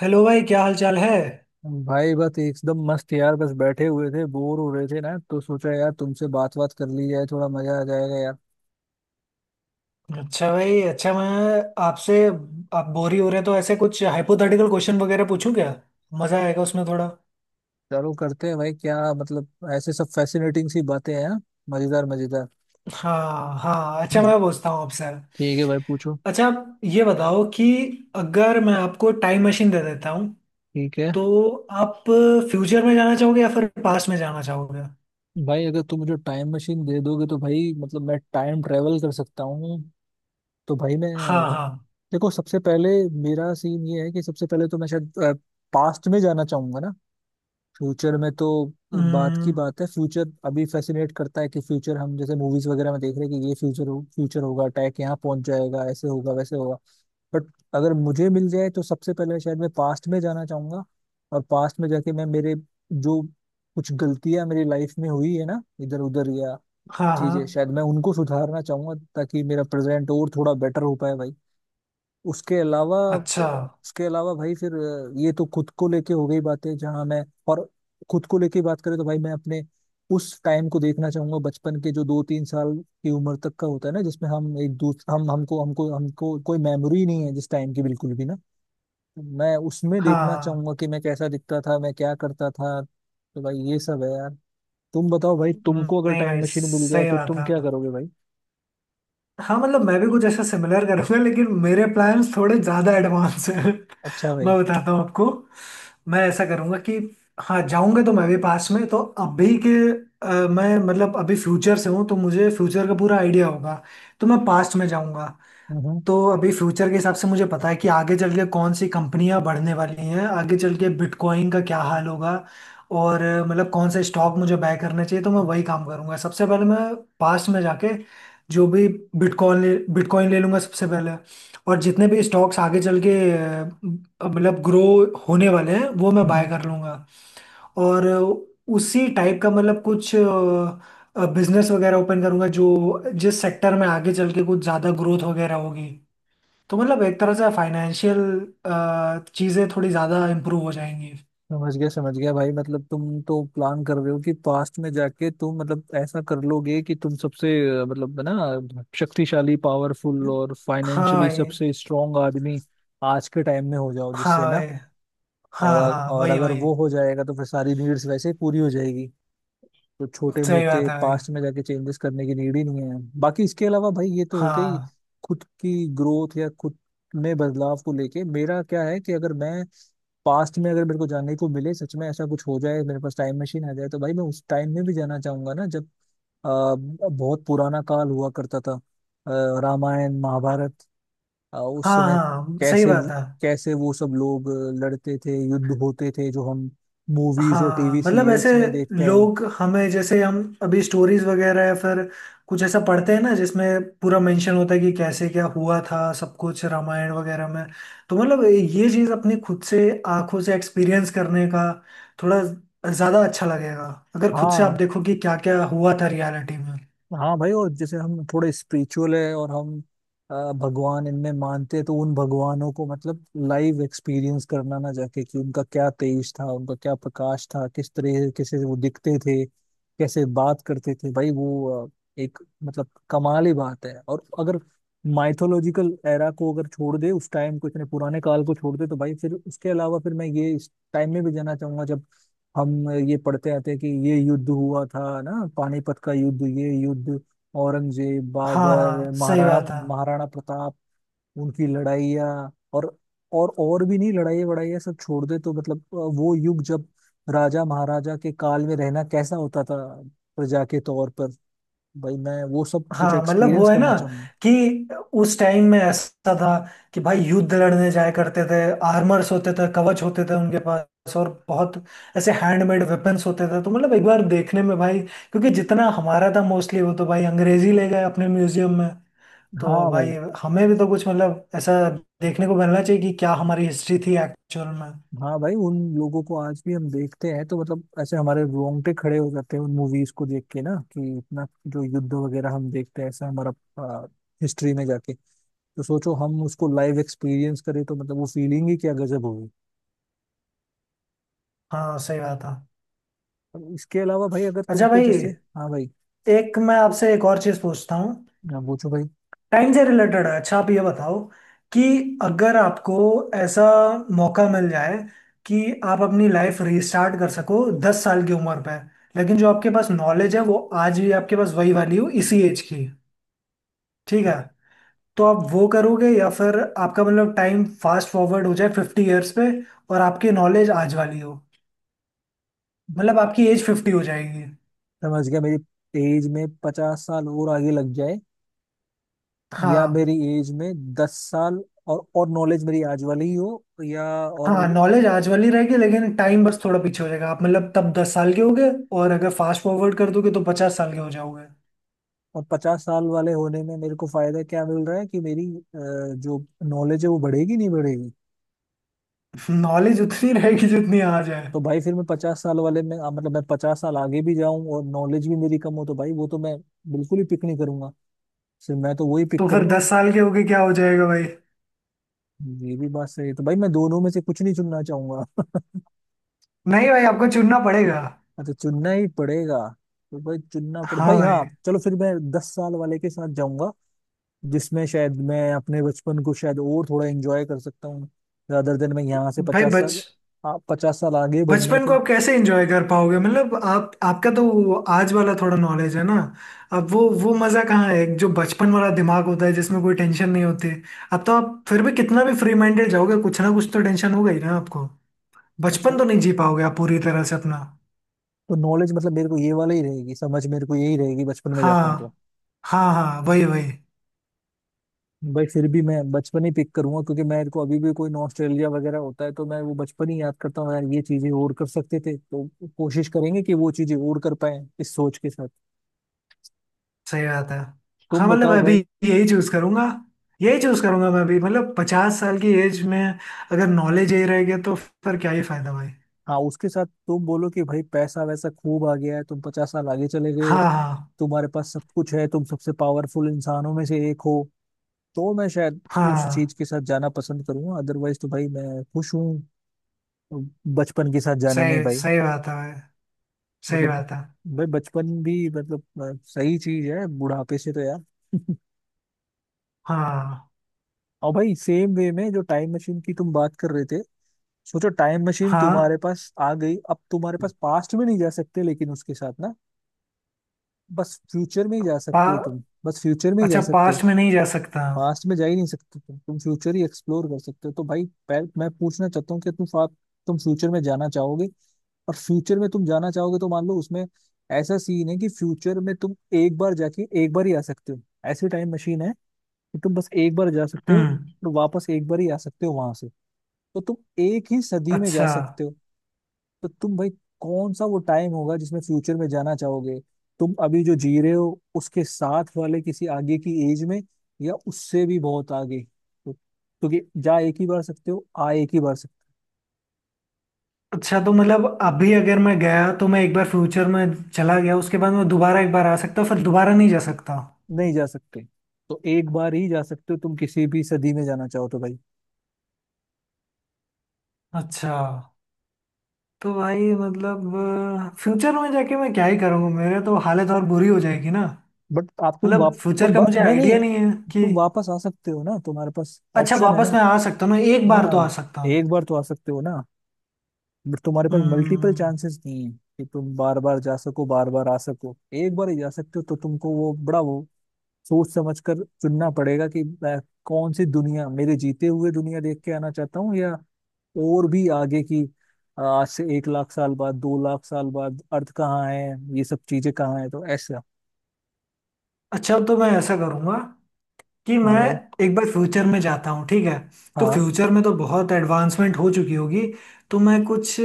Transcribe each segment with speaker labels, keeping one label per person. Speaker 1: Hello भाई, क्या हाल चाल है?
Speaker 2: भाई बस एकदम मस्त यार। बस बैठे हुए थे, बोर हो रहे थे ना, तो सोचा यार तुमसे बात बात कर ली जाए, थोड़ा मजा आ जाएगा यार।
Speaker 1: अच्छा भाई, अच्छा। मैं आपसे आप बोरी हो रहे हैं तो ऐसे कुछ हाइपोथेटिकल क्वेश्चन वगैरह पूछूं क्या? मजा आएगा उसमें थोड़ा।
Speaker 2: चलो करते हैं भाई, क्या मतलब, ऐसे सब फैसिनेटिंग सी बातें हैं। मजेदार मजेदार।
Speaker 1: हाँ हाँ, अच्छा।
Speaker 2: हम्म।
Speaker 1: मैं पूछता हूँ आपसे।
Speaker 2: ठीक है भाई, पूछो।
Speaker 1: अच्छा, आप ये बताओ कि अगर मैं आपको टाइम मशीन दे देता हूँ
Speaker 2: ठीक है
Speaker 1: तो आप फ्यूचर में जाना चाहोगे या फिर पास्ट में जाना चाहोगे?
Speaker 2: भाई, अगर तुम मुझे टाइम मशीन दे दोगे तो भाई मतलब मैं टाइम ट्रेवल कर सकता हूँ, तो भाई मैं
Speaker 1: हाँ हाँ।
Speaker 2: देखो, सबसे पहले मेरा सीन ये है कि सबसे पहले तो मैं शायद पास्ट में जाना चाहूंगा ना। फ्यूचर में तो बात की
Speaker 1: हम्म।
Speaker 2: बात है, फ्यूचर अभी फैसिनेट करता है कि फ्यूचर हम जैसे मूवीज वगैरह में देख रहे हैं कि ये फ्यूचर हो, फ्यूचर होगा, टैक यहाँ पहुंच जाएगा, ऐसे होगा वैसे होगा। बट अगर मुझे मिल जाए तो सबसे पहले शायद मैं पास्ट में जाना चाहूंगा। और पास्ट में जाके मैं मेरे जो कुछ गलतियां मेरी लाइफ में हुई है ना इधर उधर या
Speaker 1: हाँ
Speaker 2: चीजें,
Speaker 1: हाँ,
Speaker 2: शायद मैं उनको सुधारना चाहूंगा ताकि मेरा प्रेजेंट और थोड़ा बेटर हो पाए भाई। उसके अलावा,
Speaker 1: अच्छा।
Speaker 2: उसके अलावा भाई, फिर ये तो खुद को लेके हो गई बातें जहाँ मैं। और खुद को लेके बात करें तो भाई मैं अपने उस टाइम को देखना चाहूंगा, बचपन के जो 2-3 साल की उम्र तक का होता है ना, जिसमें हम एक दूसरे हम हमको हमको हमको कोई मेमोरी नहीं है जिस टाइम की, बिल्कुल भी ना। मैं उसमें
Speaker 1: हाँ
Speaker 2: देखना
Speaker 1: हाँ।
Speaker 2: चाहूंगा कि मैं कैसा दिखता था, मैं क्या करता था। तो भाई ये सब है यार। तुम बताओ भाई, तुमको अगर
Speaker 1: नहीं भाई,
Speaker 2: टाइम मशीन मिल जाए
Speaker 1: सही
Speaker 2: तो
Speaker 1: बात
Speaker 2: तुम क्या
Speaker 1: है।
Speaker 2: करोगे भाई।
Speaker 1: हाँ, मतलब मैं भी कुछ ऐसा सिमिलर करूंगा, लेकिन मेरे प्लान्स थोड़े ज़्यादा एडवांस हैं।
Speaker 2: अच्छा भाई।
Speaker 1: मैं बताता हूँ आपको। मैं ऐसा करूंगा कि, हाँ, जाऊंगा तो मैं भी पास में। तो अभी के मैं मतलब अभी फ्यूचर से हूँ तो मुझे फ्यूचर का पूरा आइडिया होगा। तो मैं पास्ट में जाऊंगा।
Speaker 2: हम्म
Speaker 1: तो अभी फ्यूचर के हिसाब से मुझे पता है कि आगे चल के कौन सी कंपनियां बढ़ने वाली हैं, आगे चल के बिटकॉइन का क्या हाल होगा। और मतलब कौन से स्टॉक मुझे बाय करने चाहिए, तो मैं वही काम करूंगा। सबसे पहले मैं पास्ट में जाके जो भी बिटकॉइन ले लूंगा सबसे पहले। और जितने भी स्टॉक्स आगे चल के मतलब ग्रो होने वाले हैं वो मैं
Speaker 2: हम्म हम्म।
Speaker 1: बाय कर लूंगा। और उसी टाइप का मतलब कुछ बिजनेस वगैरह ओपन करूंगा, जो जिस सेक्टर में आगे चल के कुछ ज़्यादा ग्रोथ वगैरह होगी। तो मतलब एक तरह से फाइनेंशियल चीज़ें थोड़ी ज़्यादा इम्प्रूव हो जाएंगी।
Speaker 2: समझ गया भाई, मतलब तुम तो प्लान कर रहे हो कि पास्ट में जाके तुम मतलब ऐसा कर लोगे कि तुम सबसे मतलब है ना, शक्तिशाली पावरफुल और
Speaker 1: हाँ
Speaker 2: फाइनेंशियली
Speaker 1: भाई।
Speaker 2: सबसे स्ट्रांग आदमी आज के टाइम में हो जाओ,
Speaker 1: हाँ
Speaker 2: जिससे ना,
Speaker 1: भाई।
Speaker 2: और
Speaker 1: हाँ हाँ,
Speaker 2: और
Speaker 1: वही
Speaker 2: अगर
Speaker 1: वही।
Speaker 2: वो हो जाएगा तो फिर सारी नीड्स वैसे ही पूरी हो जाएगी। तो छोटे
Speaker 1: सही
Speaker 2: मोटे
Speaker 1: बात है भाई।
Speaker 2: पास्ट में जाके चेंजेस करने की नीड ही नहीं है। बाकी इसके अलावा भाई ये तो हो गई
Speaker 1: हाँ।
Speaker 2: खुद की ग्रोथ या खुद में बदलाव को लेके, मेरा क्या है कि अगर मैं पास्ट में, अगर मेरे को जाने को मिले, सच में ऐसा कुछ हो जाए, मेरे पास टाइम मशीन आ जाए, तो भाई मैं उस टाइम में भी जाना चाहूंगा ना जब बहुत पुराना काल हुआ करता था, रामायण महाभारत, उस
Speaker 1: हाँ
Speaker 2: समय
Speaker 1: हाँ, सही
Speaker 2: कैसे,
Speaker 1: बात है।
Speaker 2: कैसे वो सब लोग लड़ते थे, युद्ध होते थे जो हम मूवीज और
Speaker 1: हाँ,
Speaker 2: टीवी
Speaker 1: मतलब ऐसे
Speaker 2: सीरियल्स में देखते हैं।
Speaker 1: लोग हमें जैसे हम अभी स्टोरीज वगैरह या फिर कुछ ऐसा पढ़ते हैं ना, जिसमें पूरा मेंशन होता है कि कैसे क्या हुआ था सब कुछ, रामायण वगैरह में। तो मतलब ये चीज़ अपनी खुद से आंखों से एक्सपीरियंस करने का थोड़ा ज़्यादा अच्छा लगेगा, अगर खुद से आप
Speaker 2: हाँ
Speaker 1: देखो कि क्या क्या हुआ था रियलिटी में।
Speaker 2: हाँ भाई। और जैसे हम थोड़े स्पिरिचुअल है और हम भगवान इनमें मानते हैं, तो उन भगवानों को मतलब लाइव एक्सपीरियंस करना ना जाके, कि उनका क्या तेज था, उनका क्या प्रकाश था, किस तरह कैसे वो दिखते थे, कैसे बात करते थे भाई वो। एक मतलब कमाल ही बात है। और अगर माइथोलॉजिकल एरा को अगर छोड़ दे, उस टाइम को, इतने पुराने काल को छोड़ दे तो भाई फिर उसके अलावा फिर मैं ये इस टाइम में भी जाना चाहूंगा जब हम ये पढ़ते आते हैं कि ये युद्ध हुआ था ना, पानीपत का युद्ध, ये युद्ध, औरंगजेब
Speaker 1: हाँ
Speaker 2: बाबर
Speaker 1: हाँ, सही
Speaker 2: महाराणा
Speaker 1: बात है।
Speaker 2: महाराणा प्रताप उनकी लड़ाइयाँ, और और भी नहीं, लड़ाई वड़ाई सब छोड़ दे तो मतलब वो युग जब राजा महाराजा के काल में रहना कैसा होता था प्रजा के तौर पर, भाई मैं वो सब कुछ
Speaker 1: हाँ, मतलब वो
Speaker 2: एक्सपीरियंस
Speaker 1: है ना
Speaker 2: करना चाहूंगा।
Speaker 1: कि उस टाइम में ऐसा था कि भाई युद्ध लड़ने जाया करते थे। आर्मर्स होते थे, कवच होते थे उनके पास, और बहुत ऐसे हैंडमेड वेपन्स होते थे। तो मतलब एक बार देखने में भाई, क्योंकि जितना हमारा था मोस्टली वो तो भाई अंग्रेजी ले गए अपने म्यूजियम में। तो
Speaker 2: हाँ
Speaker 1: भाई,
Speaker 2: भाई।
Speaker 1: हमें भी तो कुछ मतलब ऐसा देखने को मिलना चाहिए कि क्या हमारी हिस्ट्री थी एक्चुअल में।
Speaker 2: हाँ भाई, उन लोगों को आज भी हम देखते हैं तो मतलब ऐसे हमारे रोंगटे खड़े हो जाते हैं उन मूवीज को देख के ना, कि इतना जो युद्ध वगैरह हम देखते हैं ऐसा हमारा हिस्ट्री में जाके, तो सोचो हम उसको लाइव एक्सपीरियंस करें तो मतलब वो फीलिंग ही क्या गजब होगी।
Speaker 1: हाँ, सही बात है।
Speaker 2: अब इसके अलावा भाई अगर
Speaker 1: अच्छा
Speaker 2: तुमको
Speaker 1: भाई,
Speaker 2: जैसे, हाँ भाई,
Speaker 1: एक मैं आपसे एक और चीज़ पूछता हूँ।
Speaker 2: हाँ, पूछो भाई।
Speaker 1: टाइम से रिलेटेड है। अच्छा, आप ये बताओ कि अगर आपको ऐसा मौका मिल जाए कि आप अपनी लाइफ रीस्टार्ट कर सको 10 साल की उम्र पे, लेकिन जो आपके पास नॉलेज है वो आज भी आपके पास वही वाली हो, इसी एज की। ठीक है? तो आप वो करोगे, या फिर आपका मतलब टाइम फास्ट फॉरवर्ड हो जाए 50 इयर्स पे और आपकी नॉलेज आज वाली हो? मतलब आपकी एज 50 हो जाएगी।
Speaker 2: समझ गया, मेरी एज में 50 साल और आगे लग जाए या
Speaker 1: हाँ।
Speaker 2: मेरी एज में 10 साल और नॉलेज मेरी आज वाली ही हो या और।
Speaker 1: हाँ, नॉलेज आज वाली रहेगी, लेकिन टाइम बस थोड़ा पीछे हो जाएगा। आप मतलब तब 10 साल के हो गए। और अगर फास्ट फॉरवर्ड कर दोगे तो 50 साल के हो जाओगे।
Speaker 2: और पचास साल वाले होने में मेरे को फायदा क्या मिल रहा है कि मेरी जो नॉलेज है वो बढ़ेगी नहीं बढ़ेगी।
Speaker 1: नॉलेज उतनी रहेगी जितनी आज है।
Speaker 2: तो भाई फिर मैं 50 साल वाले में मतलब मैं 50 साल आगे भी जाऊं और नॉलेज भी मेरी कम हो तो भाई वो तो मैं बिल्कुल ही पिक नहीं करूंगा। सिर्फ मैं तो वही
Speaker 1: तो
Speaker 2: पिक
Speaker 1: फिर
Speaker 2: करूंगा।
Speaker 1: 10 साल के हो गए क्या हो जाएगा भाई?
Speaker 2: ये भी बात सही है, तो भाई मैं दोनों में से कुछ नहीं चुनना चाहूंगा।
Speaker 1: नहीं भाई, आपको चुनना पड़ेगा।
Speaker 2: अच्छा चुनना ही पड़ेगा, तो भाई चुनना पड़े
Speaker 1: हाँ
Speaker 2: भाई, हाँ
Speaker 1: भाई।
Speaker 2: चलो फिर मैं 10 साल वाले के साथ जाऊंगा जिसमें शायद मैं अपने बचपन को शायद और थोड़ा एंजॉय कर सकता हूँ, रादर देन मैं यहाँ से
Speaker 1: भाई,
Speaker 2: पचास
Speaker 1: बच
Speaker 2: साल 50 साल आगे बढ़ने
Speaker 1: बचपन को
Speaker 2: के।
Speaker 1: आप कैसे एंजॉय कर पाओगे? मतलब आप आपका तो वो आज वाला थोड़ा नॉलेज है ना। अब वो मजा कहाँ है जो बचपन वाला दिमाग होता है, जिसमें कोई टेंशन नहीं होती। अब तो आप फिर भी कितना भी फ्री माइंडेड जाओगे, कुछ ना कुछ तो टेंशन होगा ही ना आपको।
Speaker 2: अच्छा,
Speaker 1: बचपन तो नहीं जी पाओगे आप पूरी तरह से अपना।
Speaker 2: तो नॉलेज मतलब मेरे को ये वाला ही रहेगी, समझ मेरे को यही रहेगी बचपन में जाता हूँ तो।
Speaker 1: हाँ हाँ हाँ, वही वही।
Speaker 2: भाई फिर भी मैं बचपन ही पिक करूंगा, क्योंकि मेरे को अभी भी कोई ऑस्ट्रेलिया वगैरह होता है तो मैं वो बचपन ही याद करता हूँ यार, ये चीजें और कर सकते थे, तो कोशिश करेंगे कि वो चीजें और कर पाए इस सोच के साथ।
Speaker 1: सही बात है। हाँ,
Speaker 2: तुम
Speaker 1: मतलब
Speaker 2: बताओ
Speaker 1: मैं भी
Speaker 2: भाई।
Speaker 1: यही चूज करूंगा। यही चूज करूंगा मैं भी। मतलब 50 साल की एज में अगर नॉलेज यही रह गया तो फिर क्या ही फायदा भाई।
Speaker 2: हाँ, उसके साथ तुम बोलो कि भाई पैसा वैसा खूब आ गया है, तुम 50 साल आगे चले गए
Speaker 1: हाँ
Speaker 2: हो,
Speaker 1: हाँ
Speaker 2: तुम्हारे पास सब कुछ है, तुम सबसे पावरफुल इंसानों में से एक हो, तो मैं शायद उस चीज
Speaker 1: हाँ,
Speaker 2: के साथ जाना पसंद करूंगा। अदरवाइज तो भाई मैं खुश हूँ बचपन के साथ जाने में
Speaker 1: सही
Speaker 2: भाई।
Speaker 1: सही बात है भाई। सही
Speaker 2: मतलब
Speaker 1: बात है।
Speaker 2: भाई बचपन भी मतलब सही चीज है बुढ़ापे से तो यार।
Speaker 1: हाँ
Speaker 2: और भाई सेम वे में जो टाइम मशीन की तुम बात कर रहे थे, सोचो टाइम मशीन तुम्हारे
Speaker 1: हाँ।
Speaker 2: पास आ गई, अब तुम्हारे पास पास्ट में नहीं जा सकते, लेकिन उसके साथ ना बस फ्यूचर में ही जा सकते हो,
Speaker 1: पा,
Speaker 2: तुम बस फ्यूचर में ही जा
Speaker 1: अच्छा,
Speaker 2: सकते हो,
Speaker 1: पास्ट में नहीं जा सकता?
Speaker 2: पास्ट में जा ही नहीं सकते तुम फ्यूचर ही एक्सप्लोर कर सकते हो। तो भाई पहले मैं पूछना चाहता हूँ कि तुम तुम फ्यूचर में जाना चाहोगे। और फ्यूचर में तुम जाना चाहोगे तो मान लो उसमें ऐसा सीन है कि फ्यूचर में तुम एक बार जाके एक बार ही आ सकते हो, ऐसी टाइम मशीन है कि तुम बस एक बार जा सकते हो
Speaker 1: हम्म।
Speaker 2: और वापस एक बार ही आ सकते हो वहां से। तो तुम एक ही सदी में जा
Speaker 1: अच्छा,
Speaker 2: सकते हो। तो तुम भाई कौन सा वो टाइम होगा जिसमें फ्यूचर में जाना चाहोगे, तुम अभी जो जी रहे हो उसके साथ वाले किसी आगे की एज में या उससे भी बहुत आगे, तो क्योंकि जा एक ही बार सकते हो, आ एक ही बार सकते
Speaker 1: अच्छा, तो मतलब अभी अगर मैं गया तो मैं एक बार फ्यूचर में चला गया, उसके बाद मैं दोबारा एक बार आ सकता हूँ, फिर दोबारा नहीं जा सकता।
Speaker 2: हो नहीं जा सकते, तो एक बार ही जा सकते हो तुम किसी भी सदी में जाना चाहो तो भाई।
Speaker 1: अच्छा, तो भाई मतलब फ्यूचर में जाके मैं क्या ही करूँगा, मेरे तो हालत और बुरी हो जाएगी ना।
Speaker 2: बट आप तुम
Speaker 1: मतलब
Speaker 2: वाप
Speaker 1: फ्यूचर
Speaker 2: तुम
Speaker 1: का
Speaker 2: वा,
Speaker 1: मुझे
Speaker 2: नहीं नहीं,
Speaker 1: आइडिया नहीं है कि।
Speaker 2: तुम वापस आ सकते हो ना, तुम्हारे पास
Speaker 1: अच्छा,
Speaker 2: ऑप्शन है
Speaker 1: वापस
Speaker 2: ना।
Speaker 1: मैं आ सकता हूँ ना? एक बार तो आ
Speaker 2: हाँ,
Speaker 1: सकता हूँ।
Speaker 2: एक बार तो आ सकते हो ना, बट तुम्हारे पास मल्टीपल
Speaker 1: हम्म।
Speaker 2: चांसेस नहीं है कि तुम बार बार जा सको बार बार आ सको, एक बार ही जा सकते हो, तो तुमको वो बड़ा वो सोच समझ कर चुनना पड़ेगा कि मैं कौन सी दुनिया, मेरे जीते हुए दुनिया देख के आना चाहता हूँ या और भी आगे की, आज से 1 लाख साल बाद, 2 लाख साल बाद, अर्थ कहाँ है, ये सब चीजें कहाँ है, तो ऐसा।
Speaker 1: अच्छा, तो मैं ऐसा करूँगा कि
Speaker 2: हाँ
Speaker 1: मैं
Speaker 2: भाई।
Speaker 1: एक बार फ्यूचर में जाता हूँ, ठीक है? तो
Speaker 2: हाँ
Speaker 1: फ्यूचर में तो बहुत एडवांसमेंट हो चुकी होगी। तो मैं कुछ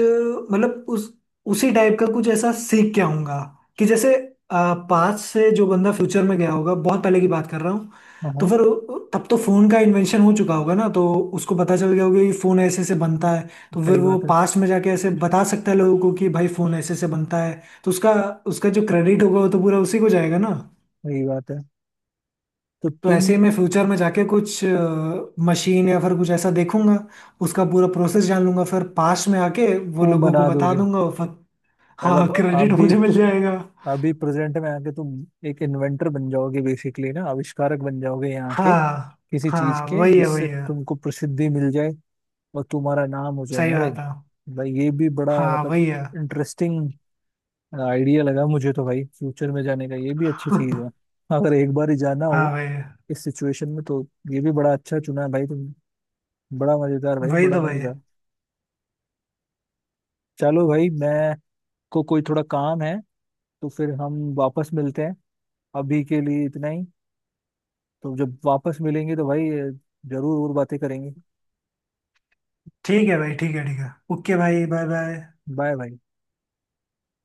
Speaker 1: मतलब उस उसी टाइप का कुछ ऐसा सीख के आऊंगा, कि जैसे पास्ट से जो बंदा फ्यूचर में गया होगा, बहुत पहले की बात कर रहा हूँ,
Speaker 2: हाँ।
Speaker 1: तो
Speaker 2: हाँ,
Speaker 1: फिर तब तो फोन का इन्वेंशन हो चुका होगा ना, तो उसको पता चल गया होगा कि फोन ऐसे ऐसे बनता है। तो फिर
Speaker 2: सही
Speaker 1: वो
Speaker 2: बात है।
Speaker 1: पास्ट में जाके ऐसे बता सकता है लोगों को कि भाई फोन ऐसे ऐसे बनता है, तो उसका उसका जो क्रेडिट होगा वो तो पूरा उसी को जाएगा ना।
Speaker 2: सही बात है, तो
Speaker 1: तो ऐसे
Speaker 2: तुम
Speaker 1: ही मैं फ्यूचर में जाके कुछ मशीन या फिर कुछ ऐसा देखूंगा, उसका पूरा प्रोसेस जान लूंगा, फिर पास में आके वो
Speaker 2: वो
Speaker 1: लोगों को
Speaker 2: बना
Speaker 1: बता
Speaker 2: दोगे,
Speaker 1: दूंगा, और फिर हाँ,
Speaker 2: मतलब आप
Speaker 1: क्रेडिट
Speaker 2: भी
Speaker 1: मुझे मिल जाएगा।
Speaker 2: अभी प्रेजेंट में आके तुम एक इन्वेंटर बन जाओगे बेसिकली ना, आविष्कारक बन जाओगे यहाँ के
Speaker 1: हाँ
Speaker 2: किसी चीज
Speaker 1: हाँ,
Speaker 2: के,
Speaker 1: वही है
Speaker 2: जिससे
Speaker 1: वही है।
Speaker 2: तुमको प्रसिद्धि मिल जाए और तुम्हारा नाम हो जाए
Speaker 1: सही
Speaker 2: ना भाई।
Speaker 1: बात है।
Speaker 2: भाई ये भी बड़ा
Speaker 1: हाँ,
Speaker 2: मतलब
Speaker 1: वही है।
Speaker 2: इंटरेस्टिंग आइडिया लगा मुझे तो भाई, फ्यूचर में जाने का ये भी अच्छी चीज है अगर एक बार ही जाना
Speaker 1: हाँ,
Speaker 2: हो
Speaker 1: वही है।
Speaker 2: इस सिचुएशन में तो। ये भी बड़ा अच्छा चुना है भाई तुमने, बड़ा मजेदार भाई,
Speaker 1: वही
Speaker 2: बड़ा
Speaker 1: तो वही है।
Speaker 2: मजेदार। चलो भाई मैं को कोई थोड़ा काम है, तो फिर हम वापस मिलते हैं, अभी के लिए इतना ही। तो जब वापस मिलेंगे तो भाई जरूर और बातें करेंगे।
Speaker 1: ठीक है भाई, ठीक है ठीक है, ओके भाई, बाय बाय।
Speaker 2: बाय भाई।